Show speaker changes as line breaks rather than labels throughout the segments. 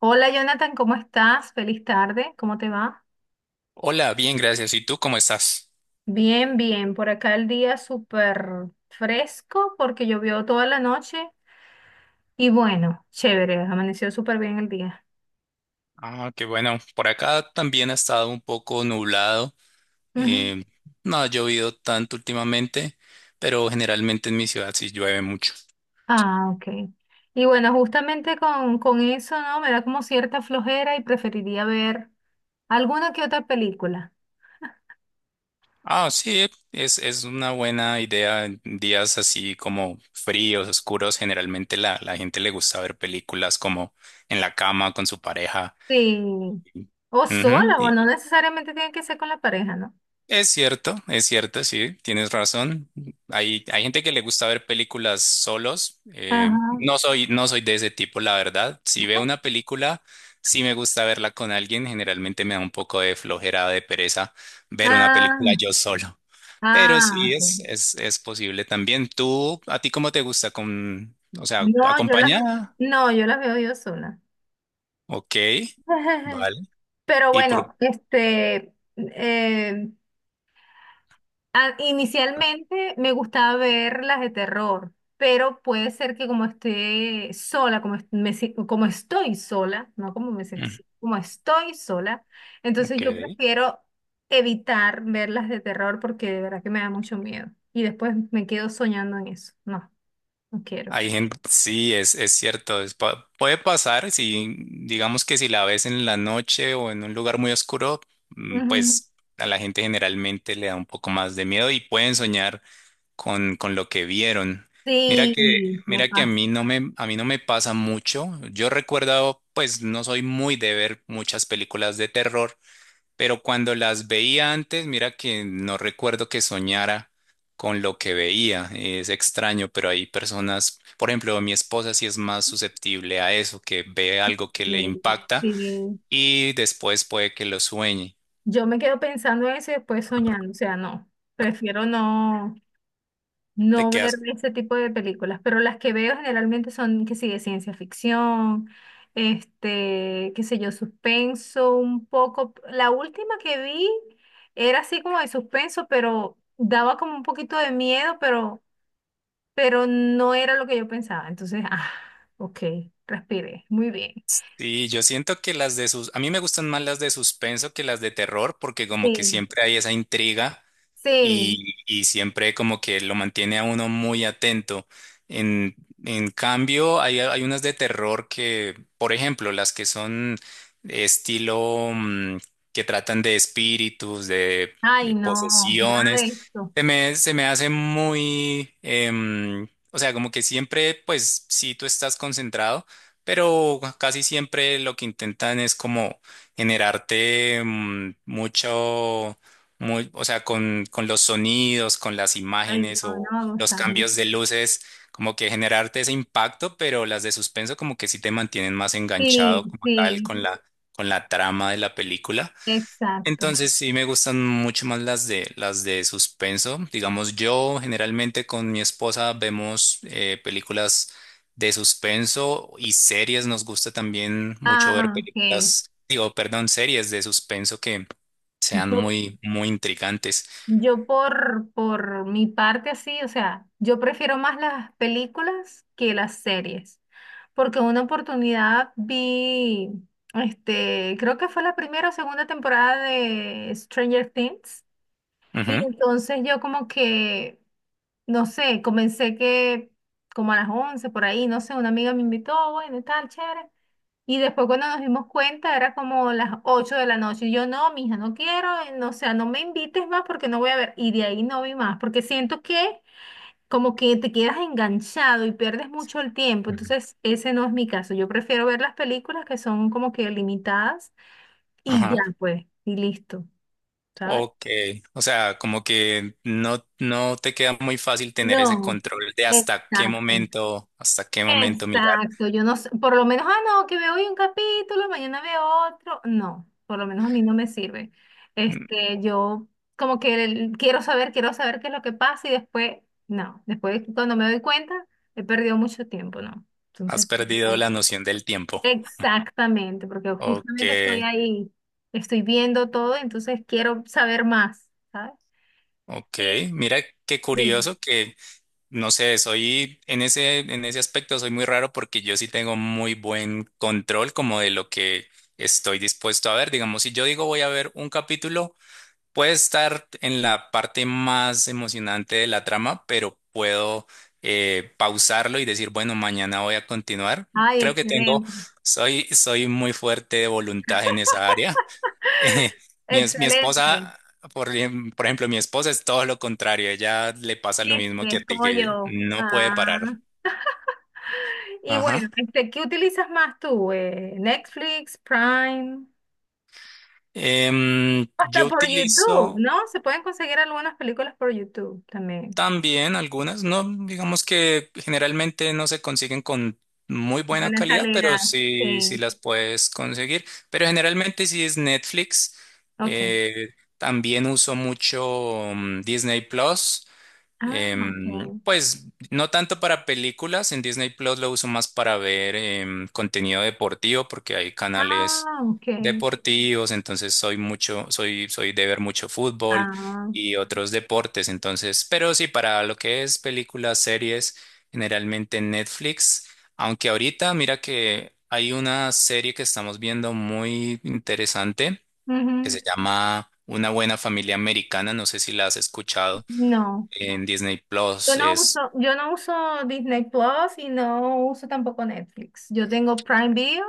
Hola Jonathan, ¿cómo estás? Feliz tarde, ¿cómo te va?
Hola, bien, gracias. ¿Y tú cómo estás?
Bien, bien, por acá el día súper fresco porque llovió toda la noche y bueno, chévere, amaneció súper bien el día.
Ah, qué bueno. Por acá también ha estado un poco nublado.
Ujú.
eh, no ha llovido tanto últimamente, pero generalmente en mi ciudad sí llueve mucho.
Ah, ok. Y bueno, justamente con eso, ¿no? Me da como cierta flojera y preferiría ver alguna que otra película.
Ah, sí, es una buena idea. En días así como fríos, oscuros, generalmente la gente le gusta ver películas como en la cama con su pareja.
Sí. O
Ujú,
sola, o
y
no necesariamente tiene que ser con la pareja, ¿no?
es cierto, es cierto, sí, tienes razón. Hay gente que le gusta ver películas solos.
Ajá.
No soy de ese tipo, la verdad. Si veo una película, sí me gusta verla con alguien. Generalmente me da un poco de flojera, de pereza ver una película
Ah,
yo solo. Pero sí,
ah, ok.
es posible también. ¿Tú, a ti cómo te gusta con, o sea,
No, yo las,
acompañada?
no, yo las veo yo sola.
Ok, vale.
Pero
¿Y por,
bueno, este, inicialmente me gustaba ver las de terror, pero puede ser que como esté sola, como, est- me si- como estoy sola, no como me siento,
mm,
sola, como estoy sola, entonces
ok.
yo prefiero evitar ver las de terror porque de verdad que me da mucho miedo. Y después me quedo soñando en eso. No, no quiero.
Hay gente, sí, es cierto, puede pasar, si digamos que si la ves en la noche o en un lugar muy oscuro, mm,
Ujú.
pues a la gente generalmente le da un poco más de miedo y pueden soñar con lo que vieron. Mira que,
Sí, me
mira que
pasa.
a mí no me pasa mucho. Yo recuerdo, pues no soy muy de ver muchas películas de terror. Pero cuando las veía antes, mira que no recuerdo que soñara con lo que veía. Es extraño, pero hay personas, por ejemplo, mi esposa sí es más susceptible a eso, que ve algo que le
Y,
impacta
y
y después puede que lo sueñe.
yo me quedo pensando en eso y después soñando, o sea, no, prefiero no,
Te
no ver
quedas.
ese tipo de películas, pero las que veo generalmente son que sí, de ciencia ficción, este, qué sé yo, suspenso un poco. La última que vi era así como de suspenso, pero daba como un poquito de miedo, pero no era lo que yo pensaba. Entonces, ah, ok, respiré, muy bien.
Y yo siento que las de sus, a mí me gustan más las de suspenso que las de terror, porque como que
Sí,
siempre hay esa intriga
sí.
y siempre como que lo mantiene a uno muy atento. En, en cambio, hay unas de terror que, por ejemplo, las que son estilo mm, que tratan de espíritus,
Ay,
de
no, nada de
posesiones,
eso.
se me hace muy, em, o sea, como que siempre, pues sí, tú estás concentrado. Pero casi siempre lo que intentan es como generarte mm, mucho, muy, o sea, con los sonidos, con las
Ay,
imágenes
no,
o
no me
los
gusta.
cambios de luces, como que generarte ese impacto, pero las de suspenso como que sí te mantienen más
Sí,
enganchado como tal
sí,
con con la trama de la película.
exacto.
Entonces sí me gustan mucho más las de suspenso. Digamos, yo generalmente con mi esposa vemos películas de suspenso y series. Nos gusta también mucho ver
Ah, ok.
películas, digo, perdón, series de suspenso que sean
Yo,
muy, muy intrigantes.
yo por mi parte así, o sea, yo prefiero más las películas que las series, porque una oportunidad vi, este, creo que fue la primera o segunda temporada de Stranger Things, y
Ujú.
entonces yo como que, no sé, comencé que como a las 11 por ahí, no sé, una amiga me invitó, bueno, y tal, chévere. Y después cuando nos dimos cuenta era como las 8 de la noche. Y yo, no, mija, no quiero, no, o sea, no me invites más porque no voy a ver. Y de ahí no vi más, porque siento que como que te quedas enganchado y pierdes mucho el tiempo.
Ujú.
Entonces, ese no es mi caso. Yo prefiero ver las películas que son como que limitadas y
Ajá.
ya, pues, y listo, ¿sabes?
Ok. O sea, como que no, no te queda muy fácil tener ese
No,
control de
exacto.
hasta qué momento mirar.
Exacto, yo no sé, por lo menos, ah, no, que veo hoy un capítulo, mañana veo otro, no, por lo menos a mí no me sirve.
Mm,
Este, yo como que quiero saber qué es lo que pasa y después, no, después cuando me doy cuenta, he perdido mucho tiempo, ¿no? Entonces,
has perdido
bueno,
la noción del tiempo.
exactamente, porque
Ok,
justamente estoy ahí, estoy viendo todo, entonces quiero saber más, ¿sabes?
ok.
Sí,
Mira qué
dime.
curioso que, no sé, soy en en ese aspecto soy muy raro porque yo sí tengo muy buen control como de lo que estoy dispuesto a ver. Digamos, si yo digo voy a ver un capítulo, puede estar en la parte más emocionante de la trama, pero puedo pausarlo y decir, bueno, mañana voy a continuar.
Ay,
Creo que tengo,
excelente.
soy muy fuerte de voluntad en esa área. Eh, mi
Excelente.
esposa, por ejemplo, mi esposa es todo lo contrario. Ella le pasa lo mismo
Este
que a
es
ti,
como
que
yo.
no puede
Ah.
parar.
Y bueno,
Ajá.
este, ¿qué utilizas más tú? Netflix, Prime,
Em,
hasta
yo
por YouTube,
utilizo
¿no? Se pueden conseguir algunas películas por YouTube también.
también algunas, no, digamos que generalmente no se consiguen con muy buena
Buena
calidad,
calidad.
pero sí, sí
Sí.
las puedes conseguir. Pero generalmente sí es Netflix.
Ok.
Eh, también uso mucho mm, Disney Plus.
Ah,
Em,
ok.
pues no tanto para películas, en Disney Plus lo uso más para ver em, contenido deportivo porque hay canales
Ah, ok.
deportivos, entonces soy mucho, soy de ver mucho fútbol
Ah.
y otros deportes, entonces, pero sí, para lo que es películas, series, generalmente Netflix, aunque ahorita mira que hay una serie que estamos viendo muy interesante que
Ujú.
se llama Una buena familia americana, no sé si la has escuchado
No.
en Disney
Yo
Plus
no
es...
uso, yo no uso Disney Plus y no uso tampoco Netflix. Yo tengo Prime Video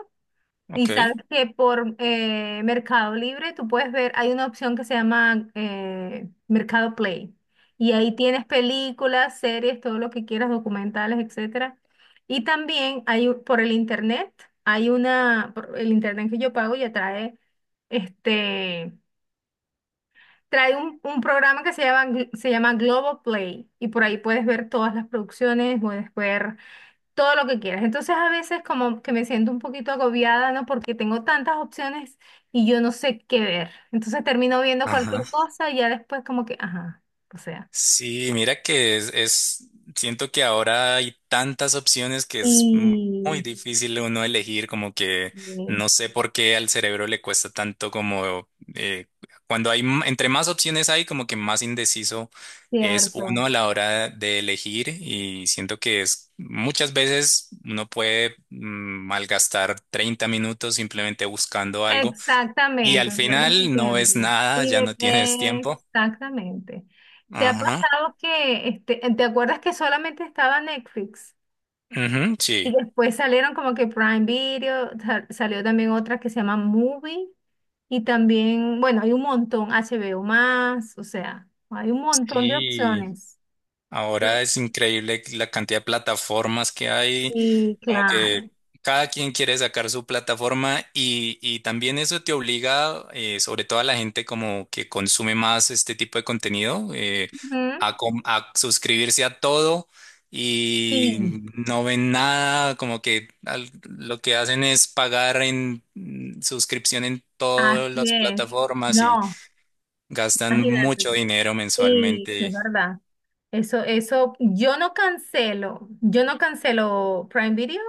y
Ok.
sabes que por Mercado Libre tú puedes ver, hay una opción que se llama Mercado Play y ahí tienes películas, series, todo lo que quieras, documentales, etcétera. Y también hay por el internet, hay una, por el internet que yo pago ya trae este. Trae un programa que se llama, se llama Global Play y por ahí puedes ver todas las producciones, puedes ver todo lo que quieras. Entonces a veces como que me siento un poquito agobiada, ¿no? Porque tengo tantas opciones y yo no sé qué ver. Entonces termino viendo cualquier
Ajá.
cosa y ya después como que, ajá, o sea.
Sí, mira que es- siento que ahora hay tantas opciones que es mu- muy
Y
difícil uno elegir, como que
sí,
no sé por qué al cerebro le cuesta tanto como eh, cuando hay, m- entre más opciones hay, como que más indeciso es
cierto.
uno a la hora de elegir y siento que es muchas veces uno puede mm, malgastar 30 minutos simplemente buscando algo y
Exactamente,
al
pierdes el
final no es
tiempo.
nada, ya no tienes tiempo.
Exactamente. ¿Te ha
Ajá.
pasado que, este, te acuerdas que solamente estaba Netflix?
Ujú,
Y
sí.
después salieron como que Prime Video, salió también otra que se llama Movie. Y también, bueno, hay un montón, HBO más, o sea, hay un montón de
Sí.
opciones.
Ahora es increíble la cantidad de plataformas que hay.
Sí,
Como
claro.
que cada quien quiere sacar su plataforma y también eso te obliga, sobre todo a la gente como que consume más este tipo de contenido,
Ujú,
a suscribirse a todo y
sí,
no ven nada, como que al- lo que hacen es pagar en mm, suscripción en todas
así
las
es.
plataformas y
No,
gastan
imagínate.
mucho dinero
Sí, es
mensualmente.
verdad. Eso, yo no cancelo Prime Video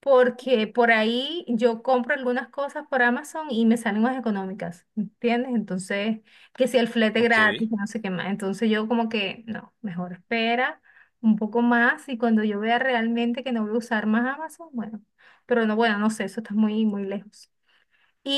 porque por ahí yo compro algunas cosas por Amazon y me salen más económicas, ¿entiendes? Entonces, que si el flete
Ok.
gratis, no sé qué más. Entonces yo como que, no, mejor espera un poco más y cuando yo vea realmente que no voy a usar más Amazon, bueno, pero no, bueno, no sé, eso está muy, muy lejos.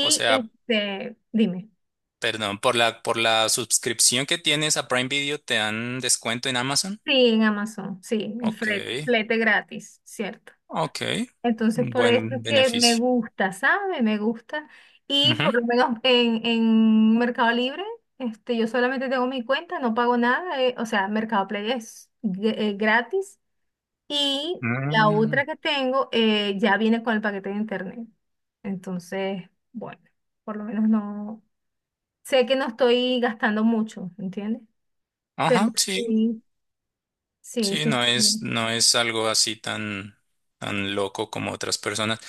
O sea,
este, dime.
perdón, por por la suscripción que tienes a Prime Video, ¿te dan descuento en Amazon?
Sí, en Amazon, sí, el
Ok,
flete gratis, ¿cierto?
ok.
Entonces, por eso es
Buen
que me
beneficio.
gusta, ¿sabe? Me gusta. Y
Ujú.
por lo menos en Mercado Libre, este, yo solamente tengo mi cuenta, no pago nada, o sea, Mercado Play es gratis. Y la
Mm,
otra que tengo ya viene con el paquete de internet. Entonces, bueno, por lo menos no, sé que no estoy gastando mucho, ¿entiendes? Pero
ajá, sí,
sí, sí,
sí, no
sí,
es,
sí.
no es algo así tan, tan loco como otras personas.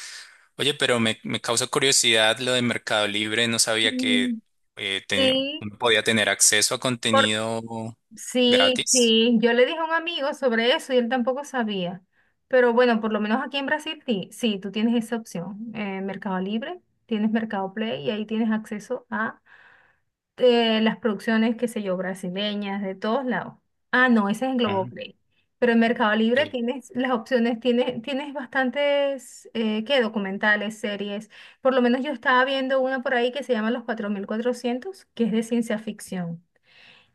Oye, pero me causa curiosidad lo de Mercado Libre. No sabía que
Mm.
eh, te-
Sí,
uno podía tener acceso a
por...
contenido
sí,
gratis.
sí. Yo le dije a un amigo sobre eso y él tampoco sabía. Pero bueno, por lo menos aquí en Brasil sí, sí, tú tienes esa opción. Mercado Libre, tienes Mercado Play y ahí tienes acceso a las producciones, qué sé yo, brasileñas, de todos lados. Ah, no, ese es en
Ah,
Globoplay. Pero en Mercado Libre
ok.
tienes las opciones, tienes, tienes bastantes, ¿qué? Documentales, series. Por lo menos yo estaba viendo una por ahí que se llama Los 4400, que es de ciencia ficción.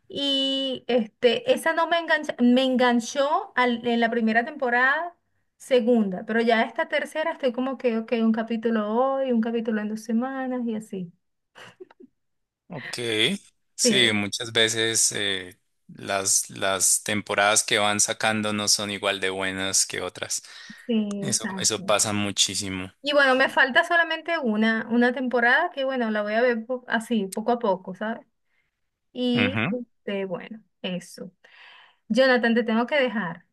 Y este, esa no me engancha, me enganchó en la primera temporada, segunda, pero ya esta tercera estoy como que, ok, un capítulo hoy, un capítulo en 2 semanas y así.
Ok, sí,
Sí,
muchas veces las temporadas que van sacando no son igual de buenas que otras.
sí,
Eso
exacto.
pasa muchísimo.
Y bueno, me falta solamente una temporada que bueno, la voy a ver así, poco a poco, ¿sabes? Y
Ujú.
este, bueno, eso. Jonathan, te tengo que dejar.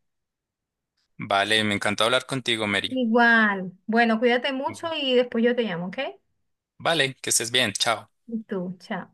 Vale, me encantó hablar contigo, Mary.
Igual. Bueno, cuídate mucho y después yo te llamo, ¿ok?
Vale, que estés bien, chao.
Y tú, chao.